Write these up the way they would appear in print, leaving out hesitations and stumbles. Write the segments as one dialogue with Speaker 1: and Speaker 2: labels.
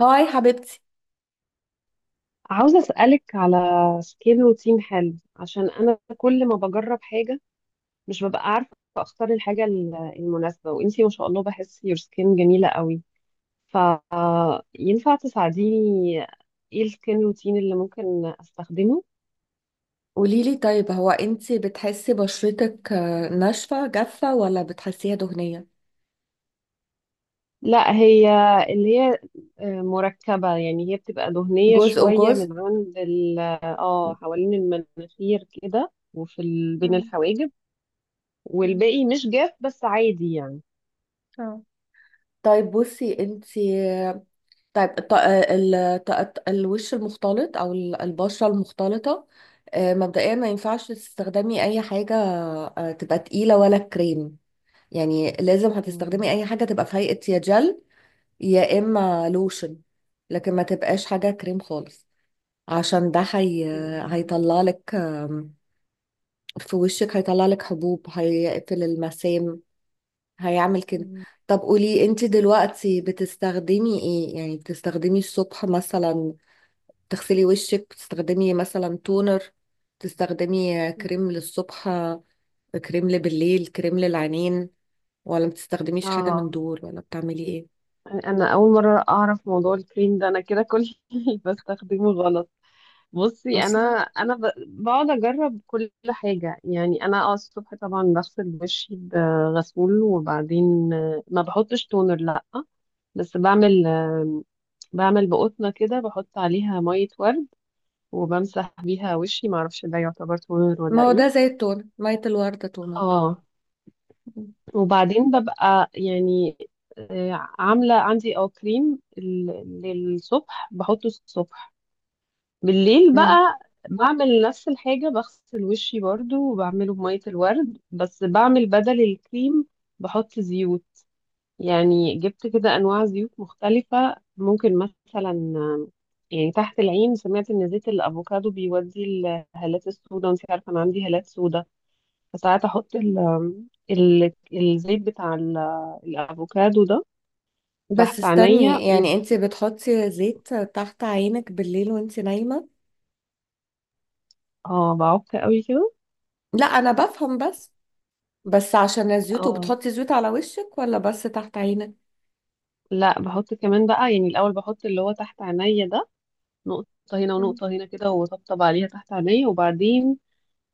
Speaker 1: هاي حبيبتي.
Speaker 2: عاوزة أسألك على سكيل روتين حلو عشان أنا كل ما بجرب حاجة مش ببقى عارفة أختار الحاجة المناسبة، وإنتي ما شاء الله بحس يور سكين جميلة قوي، فينفع تساعديني؟ إيه السكين روتين اللي ممكن أستخدمه؟
Speaker 1: قوليلي طيب، هو انتي بتحسي بشرتك ناشفة جافة ولا بتحسيها دهنية؟
Speaker 2: لا، هي مركبة. يعني هي بتبقى دهنية
Speaker 1: جزء
Speaker 2: شوية
Speaker 1: وجزء.
Speaker 2: من عند ال اه حوالين المناخير كده، وفي ال- بين
Speaker 1: مم.
Speaker 2: الحواجب.
Speaker 1: مم.
Speaker 2: والباقي مش جاف، بس عادي يعني.
Speaker 1: اه، طيب بصي انتي، آه، طيب الط... آه، الوش المختلط او البشرة المختلطة. مبدئيا ما ينفعش تستخدمي اي حاجة تبقى تقيلة ولا كريم، يعني لازم
Speaker 2: مم.
Speaker 1: هتستخدمي اي حاجة تبقى في هيئة يا جل يا اما لوشن. لكن ما تبقاش حاجة كريم خالص، عشان ده
Speaker 2: إيه.
Speaker 1: هيطلع لك في وشك، هيطلع لك حبوب، هيقفل المسام، هيعمل كده.
Speaker 2: مم.
Speaker 1: طب قولي انت دلوقتي بتستخدمي ايه، يعني بتستخدمي الصبح مثلا تغسلي وشك، بتستخدمي مثلا تونر، بتستخدمي
Speaker 2: مم.
Speaker 1: كريم للصبح، كريم بالليل، كريم للعينين، ولا بتستخدميش حاجة من
Speaker 2: اه،
Speaker 1: دول ولا بتعملي ايه
Speaker 2: يعني انا اول مره اعرف موضوع الكريم ده. انا كده كل اللي بستخدمه غلط. بصي، انا
Speaker 1: اصلا؟
Speaker 2: انا بقعد اجرب كل حاجه. يعني انا الصبح طبعا بغسل وشي بغسول، وبعدين ما بحطش تونر، لا. بس بعمل بقطنه كده، بحط عليها ميه ورد وبمسح بيها وشي، ما اعرفش ده يعتبر تونر
Speaker 1: ما
Speaker 2: ولا
Speaker 1: هو
Speaker 2: ايه.
Speaker 1: ده زي التونر، مية الوردة تونر.
Speaker 2: اه. وبعدين ببقى يعني عاملة عندي كريم للصبح، بحطه الصبح. بالليل بقى بعمل نفس الحاجة، بغسل وشي برضو وبعمله بمية الورد، بس بعمل بدل الكريم بحط زيوت. يعني جبت كده أنواع زيوت مختلفة. ممكن مثلا يعني تحت العين، سمعت إن زيت الأفوكادو بيودي الهالات السوداء، وانت عارفة أنا عندي هالات سوداء. فساعات احط ال ال الزيت بتاع الافوكادو ده
Speaker 1: بس
Speaker 2: تحت عينيا
Speaker 1: استني، يعني انت بتحطي زيت تحت عينك بالليل وانت نايمة؟
Speaker 2: بعك قوي كده.
Speaker 1: لا انا بفهم، بس بس عشان الزيوت،
Speaker 2: اه،
Speaker 1: وبتحطي زيوت على وشك ولا بس تحت عينك؟
Speaker 2: لا بحط كمان بقى، يعني الاول بحط اللي هو تحت عينيا ده، نقطة هنا
Speaker 1: مم.
Speaker 2: ونقطة هنا كده، وطبطب عليها تحت عينيا. وبعدين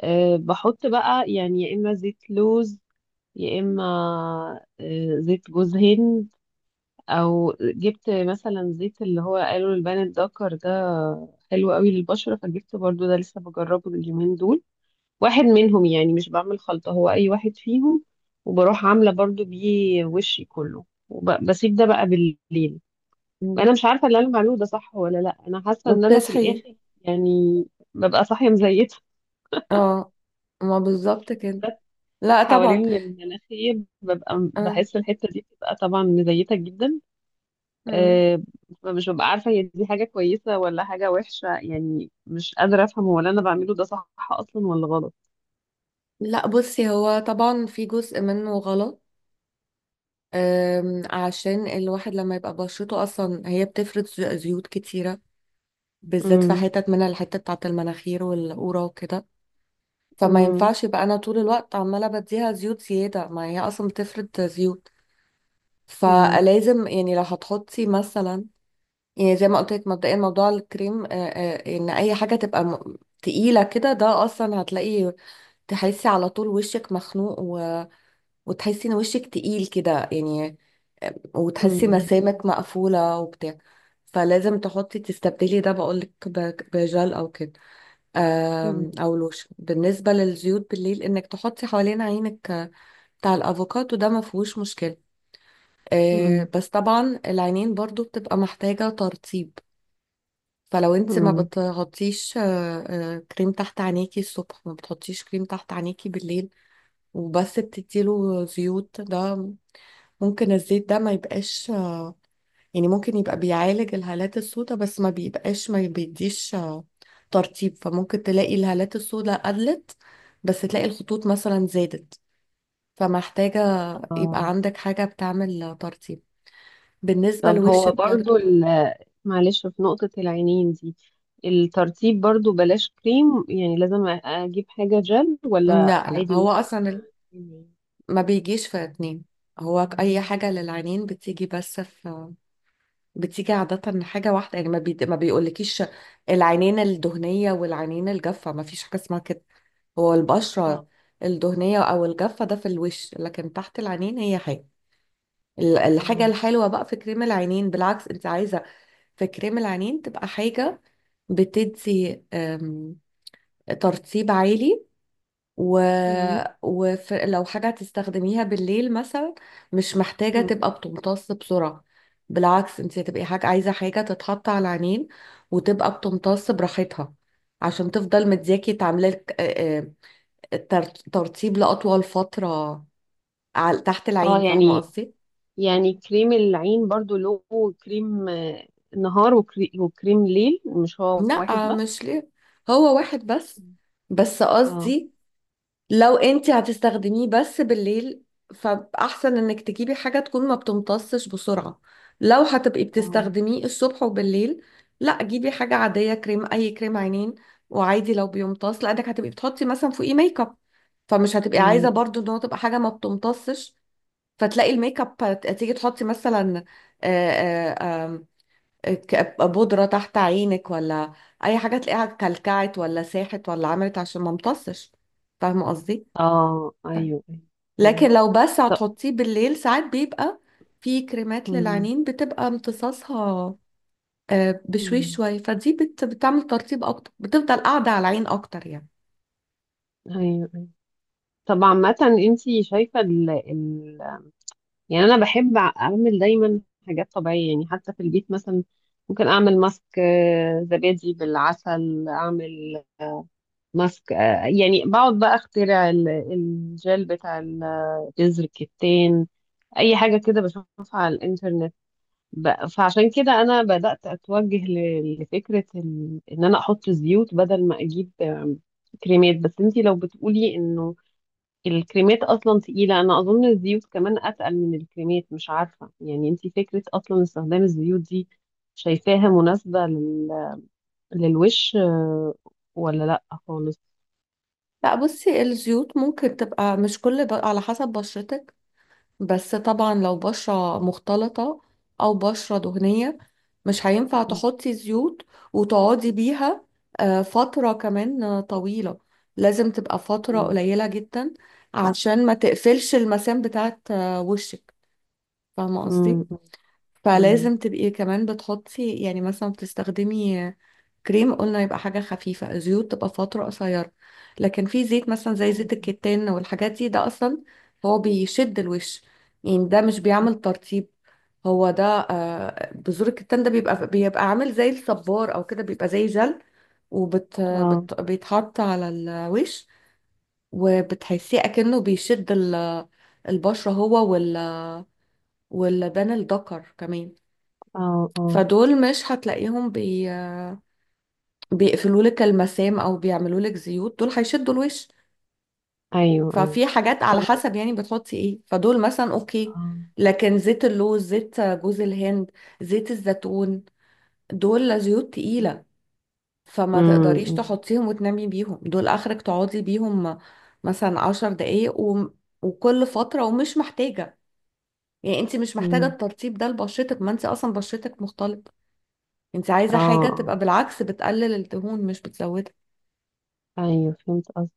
Speaker 2: أه بحط بقى، يعني يا اما زيت لوز، يا اما زيت جوز هند، او جبت مثلا زيت اللي هو قالوا البان الدكر ده، حلو قوي للبشرة، فجبت برضو ده لسه بجربه اليومين دول. واحد منهم يعني، مش بعمل خلطة، هو أي واحد فيهم، وبروح عاملة برضو بيه وشي كله وبسيب ده بقى بالليل.
Speaker 1: مم.
Speaker 2: أنا مش عارفة اللي أنا بعمله ده صح ولا لأ. أنا حاسة إن أنا في
Speaker 1: وبتصحي؟
Speaker 2: الآخر يعني ببقى صاحية مزيتة.
Speaker 1: اه، ما بالظبط كده. لا طبعا.
Speaker 2: حوالين المناخير ببقى،
Speaker 1: اه.
Speaker 2: بحس الحتة دي بتبقى طبعا مزيتة جدا.
Speaker 1: مم.
Speaker 2: أه، فمش ببقى عارفة هي دي حاجة كويسة ولا حاجة وحشة. يعني مش قادرة أفهم هو اللي أنا بعمله ده صح أصلا ولا غلط.
Speaker 1: لا بصي، هو طبعا في جزء منه غلط. عشان الواحد لما يبقى بشرته اصلا هي بتفرز زيوت كتيرة، بالذات في
Speaker 2: امم.
Speaker 1: حتت منها الحتة بتاعت المناخير والقورة وكده، فما
Speaker 2: امم.
Speaker 1: ينفعش يبقى انا طول الوقت عماله بديها زيوت زياده، ما هي اصلا بتفرد زيوت. فلازم يعني لو هتحطي مثلا، يعني زي ما قلت لك مبدئيا، موضوع الكريم ان اي حاجه تبقى تقيله كده، ده اصلا هتلاقي تحسي على طول وشك مخنوق، وتحسي ان وشك تقيل كده يعني. وتحسي
Speaker 2: امم.
Speaker 1: مسامك مقفوله وبتاع. فلازم تحطي تستبدلي ده، بقولك بجل او كده، او لوشن. بالنسبه للزيوت بالليل، انك تحطي حوالين عينك بتاع الافوكادو ده، ما فيهوش مشكله.
Speaker 2: مم.
Speaker 1: بس طبعا العينين برضو بتبقى محتاجه ترطيب. فلو انت ما
Speaker 2: مم.
Speaker 1: بتحطيش كريم تحت عينيكي الصبح، ما بتحطيش كريم تحت عينيكي بالليل، وبس بتديله زيوت ده، ممكن الزيت ده ما يبقاش، يعني ممكن يبقى بيعالج الهالات السوداء بس ما بيبقاش ما بيديش ترطيب. فممكن تلاقي الهالات السوداء قلت، بس تلاقي الخطوط مثلا زادت، فمحتاجة يبقى
Speaker 2: آه.
Speaker 1: عندك حاجة بتعمل ترطيب، بالنسبة
Speaker 2: طب، هو
Speaker 1: لوشك برضه.
Speaker 2: برضو معلش، في نقطة العينين دي، الترطيب برضو بلاش كريم؟ يعني لازم أجيب حاجة جل، ولا
Speaker 1: لا لا،
Speaker 2: عادي
Speaker 1: هو
Speaker 2: ممكن
Speaker 1: أصلا
Speaker 2: كريم؟
Speaker 1: ما بيجيش في اتنين، هو أي حاجة للعينين بتيجي بس في، بتيجي عادة حاجة واحدة، يعني ما بيقولكيش العينين الدهنية والعينين الجافة، ما فيش حاجة اسمها كده. هو
Speaker 2: اه.
Speaker 1: البشرة الدهنية أو الجافة ده في الوش، لكن تحت العينين هي حاجة.
Speaker 2: اه.
Speaker 1: الحاجة الحلوة بقى في كريم العينين، بالعكس أنت عايزة في كريم العينين تبقى حاجة بتدي ترطيب عالي، و...
Speaker 2: مم.
Speaker 1: ولو حاجة هتستخدميها بالليل مثلا، مش محتاجة
Speaker 2: مم.
Speaker 1: تبقى بتمتص بسرعة. بالعكس أنت هتبقي حاجة، عايزة حاجة تتحط على العينين وتبقى بتمتص براحتها، عشان تفضل مدياكي تعملك ترطيب لأطول فترة على تحت
Speaker 2: اه،
Speaker 1: العين، فاهمة
Speaker 2: يعني
Speaker 1: قصدي؟
Speaker 2: يعني كريم العين برضو له كريم نهار، وكريم ليل، مش هو واحد
Speaker 1: لا
Speaker 2: بس؟
Speaker 1: مش ليه، هو واحد بس.
Speaker 2: مم.
Speaker 1: بس
Speaker 2: اه.
Speaker 1: قصدي لو انت هتستخدميه بس بالليل، فأحسن انك تجيبي حاجة تكون ما بتمتصش بسرعة. لو هتبقي
Speaker 2: اه.
Speaker 1: بتستخدميه الصبح وبالليل، لا جيبي حاجة عادية، كريم، أي كريم عينين، وعادي لو بيمتص، لأنك هتبقي بتحطي مثلا فوقيه ميك اب، فمش هتبقي
Speaker 2: مم.
Speaker 1: عايزة برضو ان هو تبقى حاجة ما بتمتصش. فتلاقي الميك اب تيجي تحطي مثلا آه، آه، بودرة تحت عينك، ولا أي حاجة تلاقيها كلكعت ولا ساحت ولا عملت عشان ما امتصش. فاهمة قصدي؟
Speaker 2: اه، ايوه، أيوة، فهمت.
Speaker 1: لكن لو بس
Speaker 2: طب.
Speaker 1: هتحطيه بالليل ساعات بيبقى في كريمات
Speaker 2: مم.
Speaker 1: للعينين بتبقى امتصاصها بشويش
Speaker 2: مم.
Speaker 1: شوية، فدي بتعمل ترطيب أكتر، بتفضل قاعدة على العين أكتر يعني.
Speaker 2: ايوه، أيوة. طب عامة، انتي شايفة، ال ال يعني انا بحب اعمل دايما حاجات طبيعية. يعني حتى في البيت مثلا ممكن اعمل ماسك زبادي بالعسل، اعمل ماسك يعني بقعد بقى اخترع الجل بتاع جذر الكتان، اي حاجة كده بشوفها على الانترنت. فعشان كده انا بدأت اتوجه لفكرة ان انا احط زيوت بدل ما اجيب كريمات. بس انتي لو بتقولي انه الكريمات اصلا تقيله، انا اظن الزيوت كمان اتقل من الكريمات، مش عارفه يعني. انتي فكره اصلا استخدام الزيوت دي شايفاها مناسبه للوش، ولا لا خالص؟
Speaker 1: لا بصي، الزيوت ممكن تبقى مش كل على حسب بشرتك. بس طبعا لو بشرة مختلطة أو بشرة دهنية، مش هينفع تحطي زيوت وتقعدي بيها فترة كمان طويلة، لازم تبقى فترة
Speaker 2: مم.
Speaker 1: قليلة جدا، عشان ما تقفلش المسام بتاعت وشك. فاهمة قصدي؟
Speaker 2: مم. مم.
Speaker 1: فلازم تبقي كمان بتحطي، يعني مثلا بتستخدمي كريم قلنا يبقى حاجة خفيفة، زيوت تبقى فترة قصيرة. لكن في زيت مثلا زي زيت الكتان والحاجات دي، ده أصلا هو بيشد الوش، يعني ده مش بيعمل ترطيب. هو ده بذور الكتان ده بيبقى عامل زي الصبار أو كده، بيبقى زي جل، وبت
Speaker 2: اه.
Speaker 1: بت بيتحط على الوش، وبتحسيه أكنه بيشد البشرة، هو واللبان الدكر كمان.
Speaker 2: اه. اه.
Speaker 1: فدول مش هتلاقيهم بيقفلوا لك المسام او بيعملوا لك زيوت، دول هيشدوا الوش.
Speaker 2: ايوه. ايوه.
Speaker 1: ففي حاجات على
Speaker 2: طب.
Speaker 1: حسب يعني بتحطي ايه، فدول مثلا اوكي.
Speaker 2: اه.
Speaker 1: لكن زيت اللوز، زيت جوز الهند، زيت الزيتون، دول زيوت تقيلة، فما تقدريش
Speaker 2: امم.
Speaker 1: تحطيهم وتنامي بيهم. دول اخرك تقعدي بيهم مثلا عشر دقايق وكل فترة. ومش محتاجة، يعني انت مش محتاجة
Speaker 2: امم.
Speaker 1: الترطيب ده لبشرتك، ما انت اصلا بشرتك مختلط. انت
Speaker 2: اه.
Speaker 1: عايزة حاجة
Speaker 2: آه.
Speaker 1: تبقى بالعكس بتقلل الدهون مش بتزودها.
Speaker 2: ايوه، فهمت قصدك.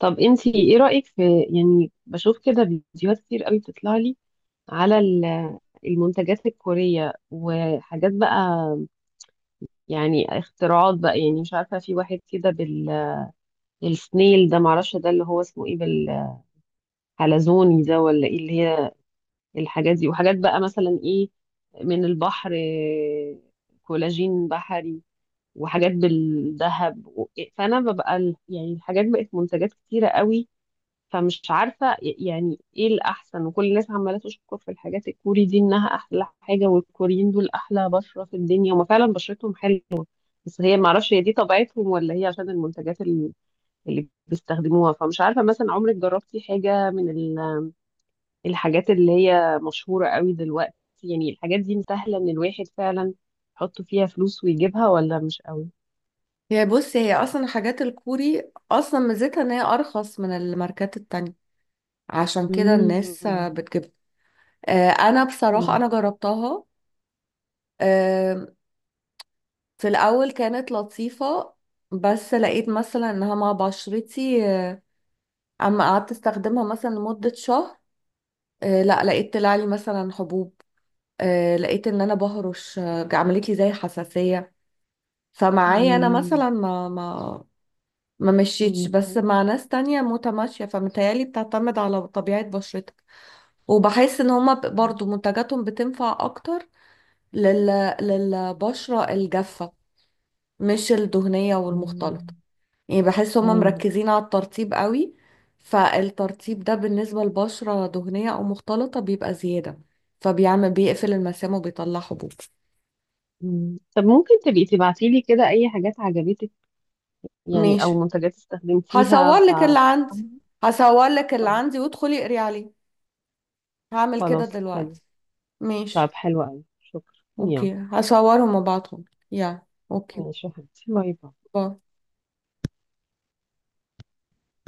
Speaker 2: طب انتي ايه رأيك في، يعني بشوف كده فيديوهات كتير قوي بتطلع لي على المنتجات الكورية وحاجات بقى. يعني اختراعات بقى، يعني مش عارفة، في واحد كده بالسنيل ده، معرفش ده اللي هو اسمه ايه، بالحلزوني ده ولا ايه، اللي هي الحاجات دي. وحاجات بقى مثلا ايه، من البحر كولاجين بحري، وحاجات بالذهب، فانا ببقى يعني الحاجات بقت منتجات كتيرة قوي، فمش عارفة يعني ايه الأحسن. وكل الناس عمالة تشكر في الحاجات الكوري دي، إنها أحلى حاجة، والكوريين دول أحلى بشرة في الدنيا. هما فعلا بشرتهم حلوة، بس هي معرفش هي دي طبيعتهم ولا هي عشان المنتجات اللي بيستخدموها. فمش عارفة مثلا، عمرك جربتي حاجة من الحاجات اللي هي مشهورة قوي دلوقتي؟ يعني الحاجات دي سهلة إن الواحد فعلا يحط فيها فلوس ويجيبها، ولا مش قوي؟
Speaker 1: هي بص، هي اصلا حاجات الكوري اصلا ميزتها ان هي ارخص من الماركات التانية، عشان كده الناس
Speaker 2: مم.
Speaker 1: بتجيبها. انا بصراحة
Speaker 2: مم.
Speaker 1: انا جربتها. آه، في الاول كانت لطيفة، بس لقيت مثلا انها مع بشرتي اما قعدت استخدمها مثلا لمدة شهر، لا لقيت طلع لي مثلا حبوب، لقيت ان انا بهرش، عملت لي زي حساسية. فمعايا انا مثلا
Speaker 2: مم.
Speaker 1: ما ما ما مشيتش،
Speaker 2: مم.
Speaker 1: بس مع ناس تانية متماشية، فمتهيألي بتعتمد على طبيعة بشرتك. وبحس ان هما برضو منتجاتهم بتنفع اكتر لل... للبشرة الجافة، مش الدهنية
Speaker 2: مم.
Speaker 1: والمختلطة. يعني بحس هما
Speaker 2: ايوه.
Speaker 1: مركزين على الترطيب قوي، فالترطيب ده بالنسبة لبشرة دهنية او مختلطة بيبقى زيادة، فبيعمل بيقفل المسام وبيطلع حبوب.
Speaker 2: مم. طب ممكن تبقي تبعتي لي كده اي حاجات عجبتك، يعني
Speaker 1: ماشي،
Speaker 2: او منتجات استخدمتيها
Speaker 1: هصور لك اللي عندي. هصور لك اللي
Speaker 2: طيب.
Speaker 1: عندي وادخلي اقري عليه. هعمل كده
Speaker 2: خلاص، حلو.
Speaker 1: دلوقتي.
Speaker 2: طب
Speaker 1: ماشي.
Speaker 2: حلو قوي، شكرا، يلا.
Speaker 1: اوكي هصورهم وابعتهم. يا، اوكي.
Speaker 2: ماشي يا حبيبتي، باي باي.
Speaker 1: باي.